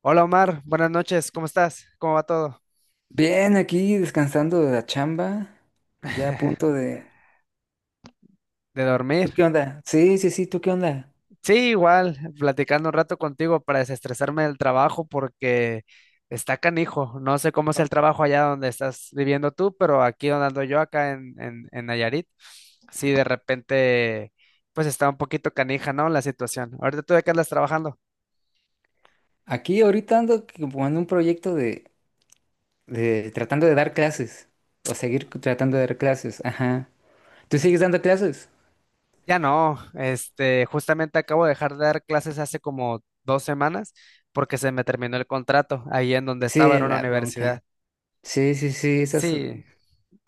Hola Omar, buenas noches, ¿cómo estás? ¿Cómo va todo? Bien, aquí descansando de la chamba, ya a punto de... ¿De ¿Tú qué dormir? onda? Sí, sí, sí, ¿tú qué onda? Sí, igual, platicando un rato contigo para desestresarme del trabajo porque está canijo. No sé cómo es el trabajo allá donde estás viviendo tú, pero aquí donde ando yo, acá en Nayarit, sí, de repente, pues está un poquito canija, ¿no? La situación. Ahorita tú de qué andas trabajando. Aquí ahorita ando como en un proyecto de tratando de dar clases, o seguir tratando de dar clases, ajá. ¿Tú sigues dando clases? Ya no, este, justamente acabo de dejar de dar clases hace como dos semanas porque se me terminó el contrato ahí en donde estaba, Sí, era una la bronca. universidad. Sí, sí, sí, esas... Sí.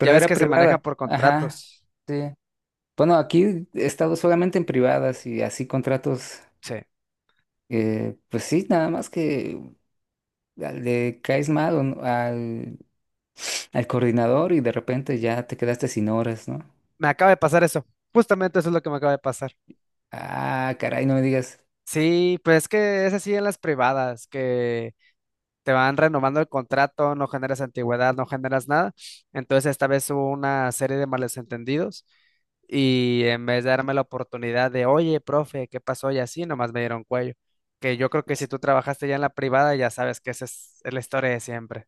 Ya ves era que se maneja privada, por ajá. contratos. Sí. Bueno, aquí he estado solamente en privadas y así contratos, Sí. Pues sí, nada más que le caes mal o no- al coordinador y de repente ya te quedaste sin horas, ¿no? Me acaba de pasar eso. Justamente eso es lo que me acaba de pasar. Ah, caray, no me digas. Sí, pues es que es así en las privadas, que te van renovando el contrato, no generas antigüedad, no generas nada. Entonces esta vez hubo una serie de malos entendidos y en vez de darme la oportunidad de, oye, profe, ¿qué pasó? Y así, nomás me dieron cuello. Que yo creo que si tú trabajaste ya en la privada, ya sabes que esa es la historia de siempre.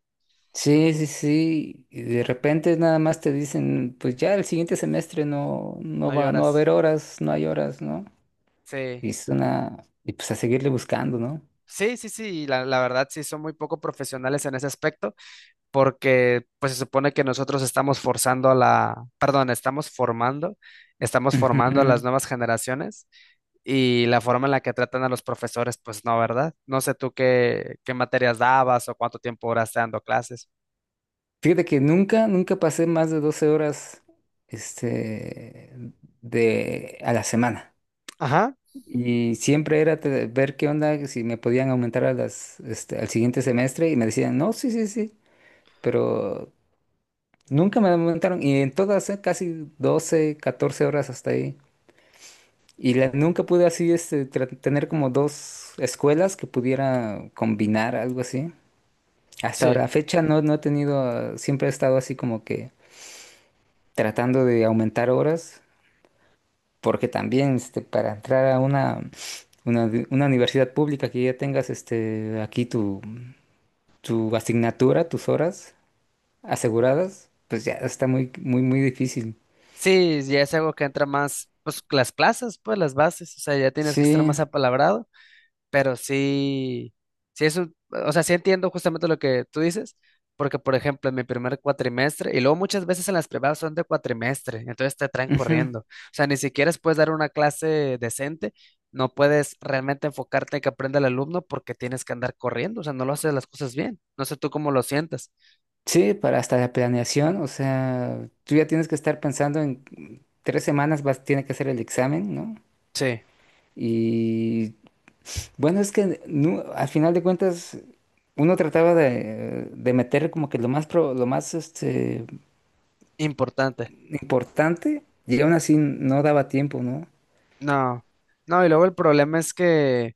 Sí, sí, sí. Y de repente nada más te dicen, pues ya el siguiente semestre no, no No va, no va a lloras. haber horas, no hay horas, ¿no? Sí. Y es una, y pues a seguirle buscando, ¿no? Sí, sí, sí, la verdad sí son muy poco profesionales en ese aspecto, porque pues se supone que nosotros estamos forzando a la, perdón, estamos formando a las Ujú. nuevas generaciones y la forma en la que tratan a los profesores, pues no, ¿verdad? No sé tú qué, qué materias dabas o cuánto tiempo duraste dando clases. Fíjate que nunca, nunca pasé más de 12 horas, este, de, a la semana. Ajá, Y siempre era ver qué onda, si me podían aumentar a las, al siguiente semestre y me decían, no, sí, sí, sí, pero nunca me aumentaron y en todas, casi 12 14 horas hasta ahí. Nunca pude así tener como dos escuelas que pudiera combinar algo así. Hasta ahora, sí. a fecha no, no he tenido, ah, siempre he estado así como que tratando de aumentar horas, porque también para entrar a una, una universidad pública que ya tengas aquí tu, tu asignatura, tus horas aseguradas, pues ya está muy, muy, muy difícil. Sí, ya es algo que entra más, pues las plazas, pues las bases, o sea, ya tienes que estar Sí. más apalabrado. Pero sí, sí es un, o sea, sí entiendo justamente lo que tú dices, porque por ejemplo, en mi primer cuatrimestre, y luego muchas veces en las privadas son de cuatrimestre, entonces te traen Ujú. corriendo. O sea, ni siquiera puedes dar una clase decente, no puedes realmente enfocarte en que aprenda el alumno porque tienes que andar corriendo, o sea, no lo haces las cosas bien. No sé tú cómo lo sientas. Sí, para hasta la planeación, o sea, tú ya tienes que estar pensando en tres semanas vas, tiene que hacer el examen, ¿no? Sí, Y bueno, es que al final de cuentas uno trataba de meter como que lo más lo más importante. importante y aún así no daba tiempo, ¿no? No, no, y luego el problema es que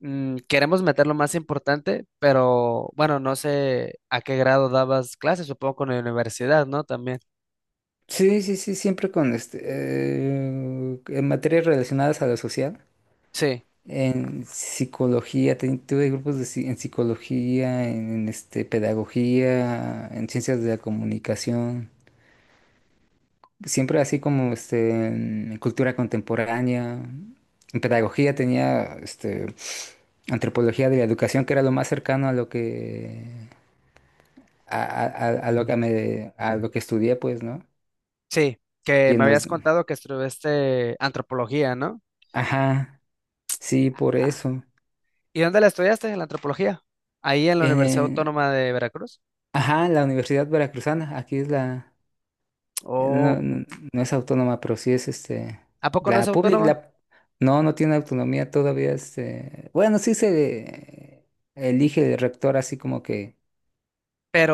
queremos meter lo más importante, pero bueno, no sé a qué grado dabas clases, supongo con la universidad, ¿no? También. Sí, sí, sí, siempre con en materias relacionadas a lo social. Sí, En psicología, tuve grupos de, en psicología, en, pedagogía, en ciencias de la comunicación, siempre así como en cultura contemporánea. En pedagogía tenía antropología de la educación, que era lo más cercano a lo que, a lo que me, a lo que estudié, pues, ¿no? sí, que Y me en los, habías contado que estudiaste antropología, ¿no? ajá, sí, por Ah, eso. ¿y dónde la estudiaste, la antropología? Ahí en la Universidad En, Autónoma de Veracruz. ajá, la Universidad Veracruzana, aquí es la... No, Oh, no, no es autónoma, pero sí es este. ¿a poco no es La pública, autónoma? la, no, no tiene autonomía todavía. Este, bueno, sí se elige el rector así como que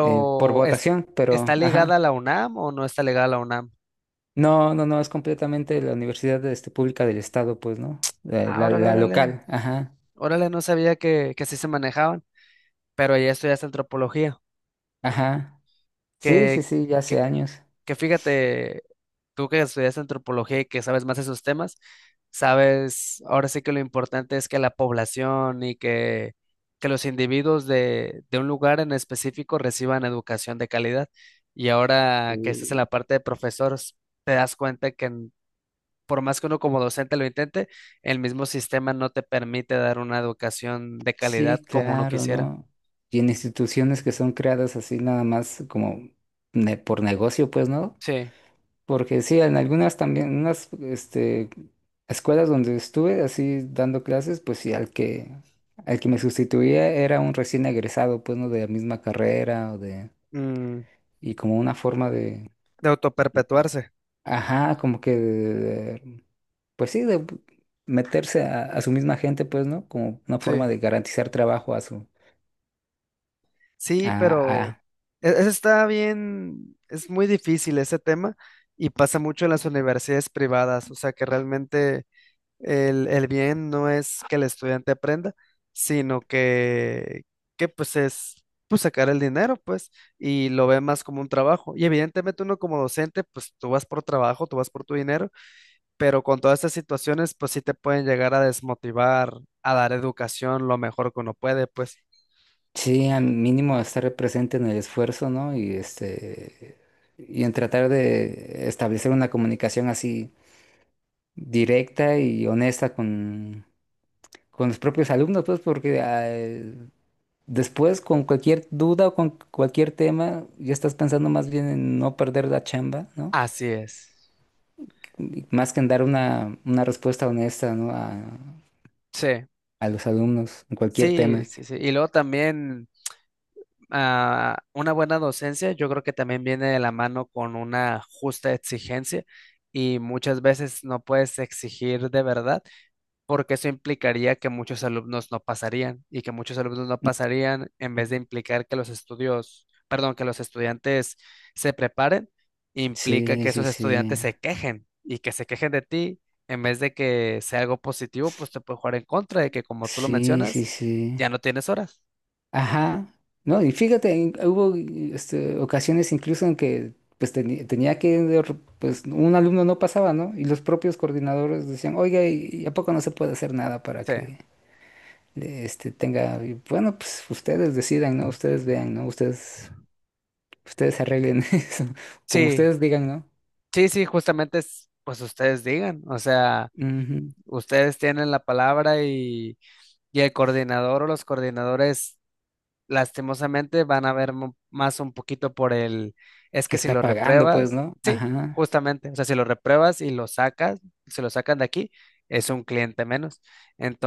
por es- votación, pero ¿está ligada a ajá. la UNAM o no está ligada a la UNAM? No, no, no, es completamente la universidad pública del estado, pues, ¿no? La, Ah, la, órale, la órale. local, ajá, Órale, no sabía que así se manejaban, pero ahí estudiaste antropología. ajá. Sí, sí, ¿Qué, sí, ya hace qué años. que fíjate, tú que estudias antropología y que sabes más esos temas, sabes, ahora sí que lo importante es que la población y que los individuos de un lugar en específico reciban educación de calidad. Y ahora que estás en la Sí. parte de profesores, te das cuenta que en- por más que uno como docente lo intente, el mismo sistema no te permite dar una educación de calidad Sí, como uno claro, quisiera. ¿no? Y en instituciones que son creadas así nada más como por negocio, pues, ¿no? Sí. Porque sí, en algunas también, en unas escuelas donde estuve así dando clases, pues sí, al que me sustituía era un recién egresado, pues no de la misma carrera o de, Mm, y como una forma de, de de- autoperpetuarse. ajá, como que, de- pues sí, de meterse a su misma gente, pues, ¿no? Como una forma Sí. de garantizar trabajo a su, Sí, a, pero a- e- ese está bien, es muy difícil ese tema y pasa mucho en las universidades privadas, o sea que realmente el bien no es que el estudiante aprenda, sino que pues es pues sacar el dinero, pues, y lo ve más como un trabajo. Y evidentemente uno como docente, pues tú vas por trabajo, tú vas por tu dinero, pero con todas estas situaciones, pues sí te pueden llegar a desmotivar, a dar educación lo mejor que uno puede, pues sí, al mínimo estar presente en el esfuerzo, ¿no? Y y en tratar de establecer una comunicación así directa y honesta con los propios alumnos, pues porque después con cualquier duda o con cualquier tema ya estás pensando más bien en no perder la chamba, ¿no? así es. Y más que en dar una respuesta honesta, ¿no? Sí. A los alumnos en cualquier Sí, tema. sí, sí. Y luego también una buena docencia, yo creo que también viene de la mano con una justa exigencia y muchas veces no puedes exigir de verdad porque eso implicaría que muchos alumnos no pasarían y que muchos alumnos no pasarían en vez de implicar que los estudios, perdón, que los estudiantes se preparen, implica Sí, que sí, esos sí. estudiantes se quejen y que se quejen de ti en vez de que sea algo positivo, pues te puede jugar en contra de que como tú lo Sí, sí, mencionas, sí. ya no tienes horas. Ajá, no, y fíjate, hubo ocasiones incluso en que pues tenía que, pues un alumno no pasaba, ¿no? Y los propios coordinadores decían, oiga, y a poco no se puede hacer nada para Sí, que tenga, y bueno, pues ustedes decidan, ¿no? Ustedes vean, ¿no? Ustedes, ustedes arreglen eso, como sí, ustedes digan, ¿no? sí, sí, justamente es, pues ustedes digan, o sea, Ujú. ustedes tienen la palabra y el coordinador o los coordinadores lastimosamente van a ver mu- más un poquito por el, es Que que si está lo pagando, pues, repruebas, ¿no? sí, Ajá, justamente, o sea, si lo repruebas y lo sacas, si lo sacan de aquí, es un cliente menos.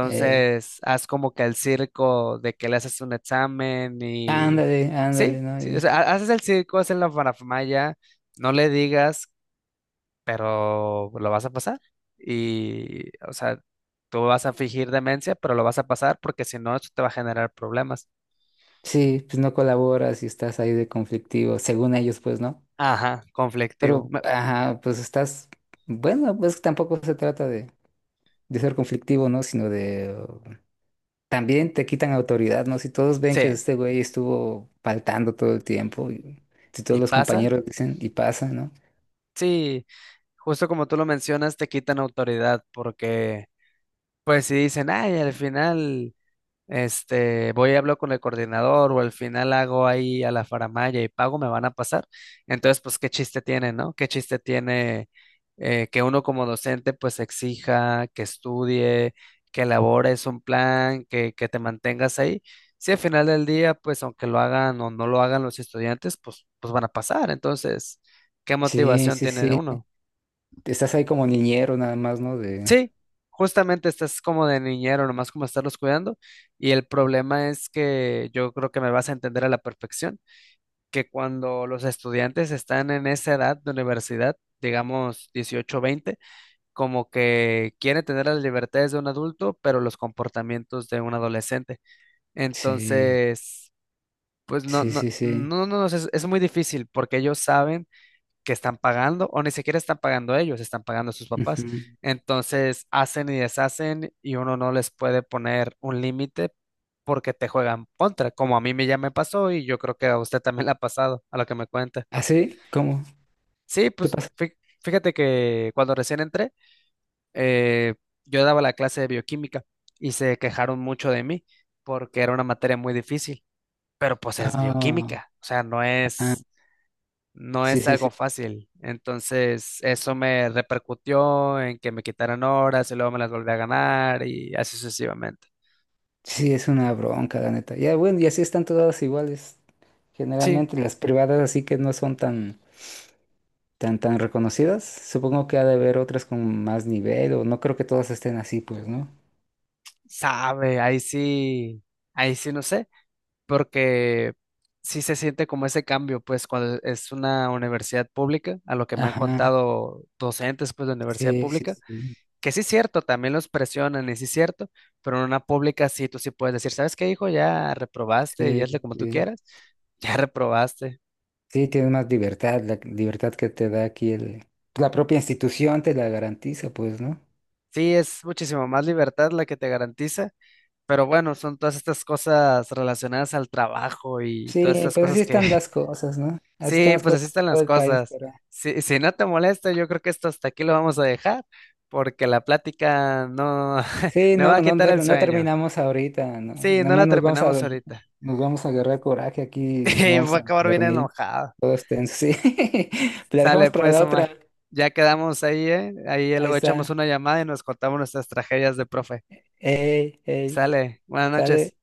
eh, haz como que el circo de que le haces un examen y, ándale, ándale, sí, ¿no? sí, o Y sea, ha- haces el circo, haces la farafamaya. No le digas pero lo vas a pasar. Y, o sea, tú vas a fingir demencia, pero lo vas a pasar porque si no, eso te va a generar problemas. sí, pues no colaboras y estás ahí de conflictivo, según ellos, pues, ¿no? Ajá, Pero, conflictivo. Me- ajá, pues estás, bueno, pues tampoco se trata de ser conflictivo, ¿no? Sino de, también te quitan autoridad, ¿no? Si todos ven que sí, este güey estuvo faltando todo el tiempo, y si todos ¿y los pasa? compañeros dicen y pasa, ¿no? Sí, justo como tú lo mencionas, te quitan autoridad porque, pues si dicen, ay, al final... Este, voy y hablo con el coordinador o al final hago ahí a la faramalla y pago, me van a pasar. Entonces, pues, ¿qué chiste tiene, no? ¿Qué chiste tiene que uno como docente pues exija que estudie, que elabores un plan, que te mantengas ahí? Si al final del día, pues, aunque lo hagan o no lo hagan los estudiantes, pues, pues van a pasar. Entonces, ¿qué Sí, motivación sí, tiene sí. uno? Estás ahí como niñero nada más, ¿no? De, Sí, justamente estás como de niñero, nomás como estarlos cuidando. Y el problema es que yo creo que me vas a entender a la perfección, que cuando los estudiantes están en esa edad de universidad, digamos 18 20, como que quieren tener las libertades de un adulto, pero los comportamientos de un adolescente. sí, Entonces, pues no, sí, no, sí, sí. no, no, no, es muy difícil porque ellos saben que están pagando, o ni siquiera están pagando ellos, están pagando a sus papás. Ujú. Entonces hacen y deshacen y uno no les puede poner un límite porque te juegan contra, como a mí me ya me pasó y yo creo que a usted también le ha pasado, a lo que me cuenta. ¿Ah, sí? ¿Cómo? Sí, ¿Qué pues pasa? fí- fíjate que cuando recién entré, eh, yo daba la clase de bioquímica y se quejaron mucho de mí porque era una materia muy difícil, pero pues es Ah, bioquímica, o sea, no ah, es no sí, es algo sí. fácil. Entonces, eso me repercutió en que me quitaran horas y luego me las volví a ganar y así sucesivamente. Sí, es una bronca, la neta. Ya, bueno, y así están todas iguales. Sí, Generalmente las privadas así que no son tan, tan, tan reconocidas. Supongo que ha de haber otras con más nivel, o no creo que todas estén así, pues, ¿no? sabe, ahí sí no sé, porque sí se siente como ese cambio, pues cuando es una universidad pública, a lo que me han Ajá, contado docentes, pues de universidad sí, sí, pública, sí, que sí es cierto, también los presionan y sí es cierto, pero en una pública sí, tú sí puedes decir, ¿sabes qué, hijo? Ya reprobaste, ya sí, hazle como tú sí. quieras, ya reprobaste. Sí, tienes más libertad, la libertad que te da aquí el, la propia institución te la garantiza, pues, ¿no? Sí, es muchísimo más libertad la que te garantiza, pero bueno, son todas estas cosas relacionadas al trabajo y todas Sí, estas pues así cosas que, están las cosas, ¿no? Así están sí, las pues así cosas en están todo las el país, cosas. pero... Si, si no te molesta, yo creo que esto hasta aquí lo vamos a dejar, porque la plática no Sí, me no, va a no, quitar el no sueño. terminamos ahorita, no, Sí, nada no la más terminamos ahorita. nos vamos a agarrar coraje aquí, nos Y voy vamos a a acabar bien dormir, enojado. todos tensos, sí. La Sale, dejamos para pues, la Omar. otra, Ya quedamos ahí, ¿eh? Ahí ahí luego está, echamos una llamada y nos contamos nuestras tragedias de profe. ey, ey, Sale, buenas sale. noches.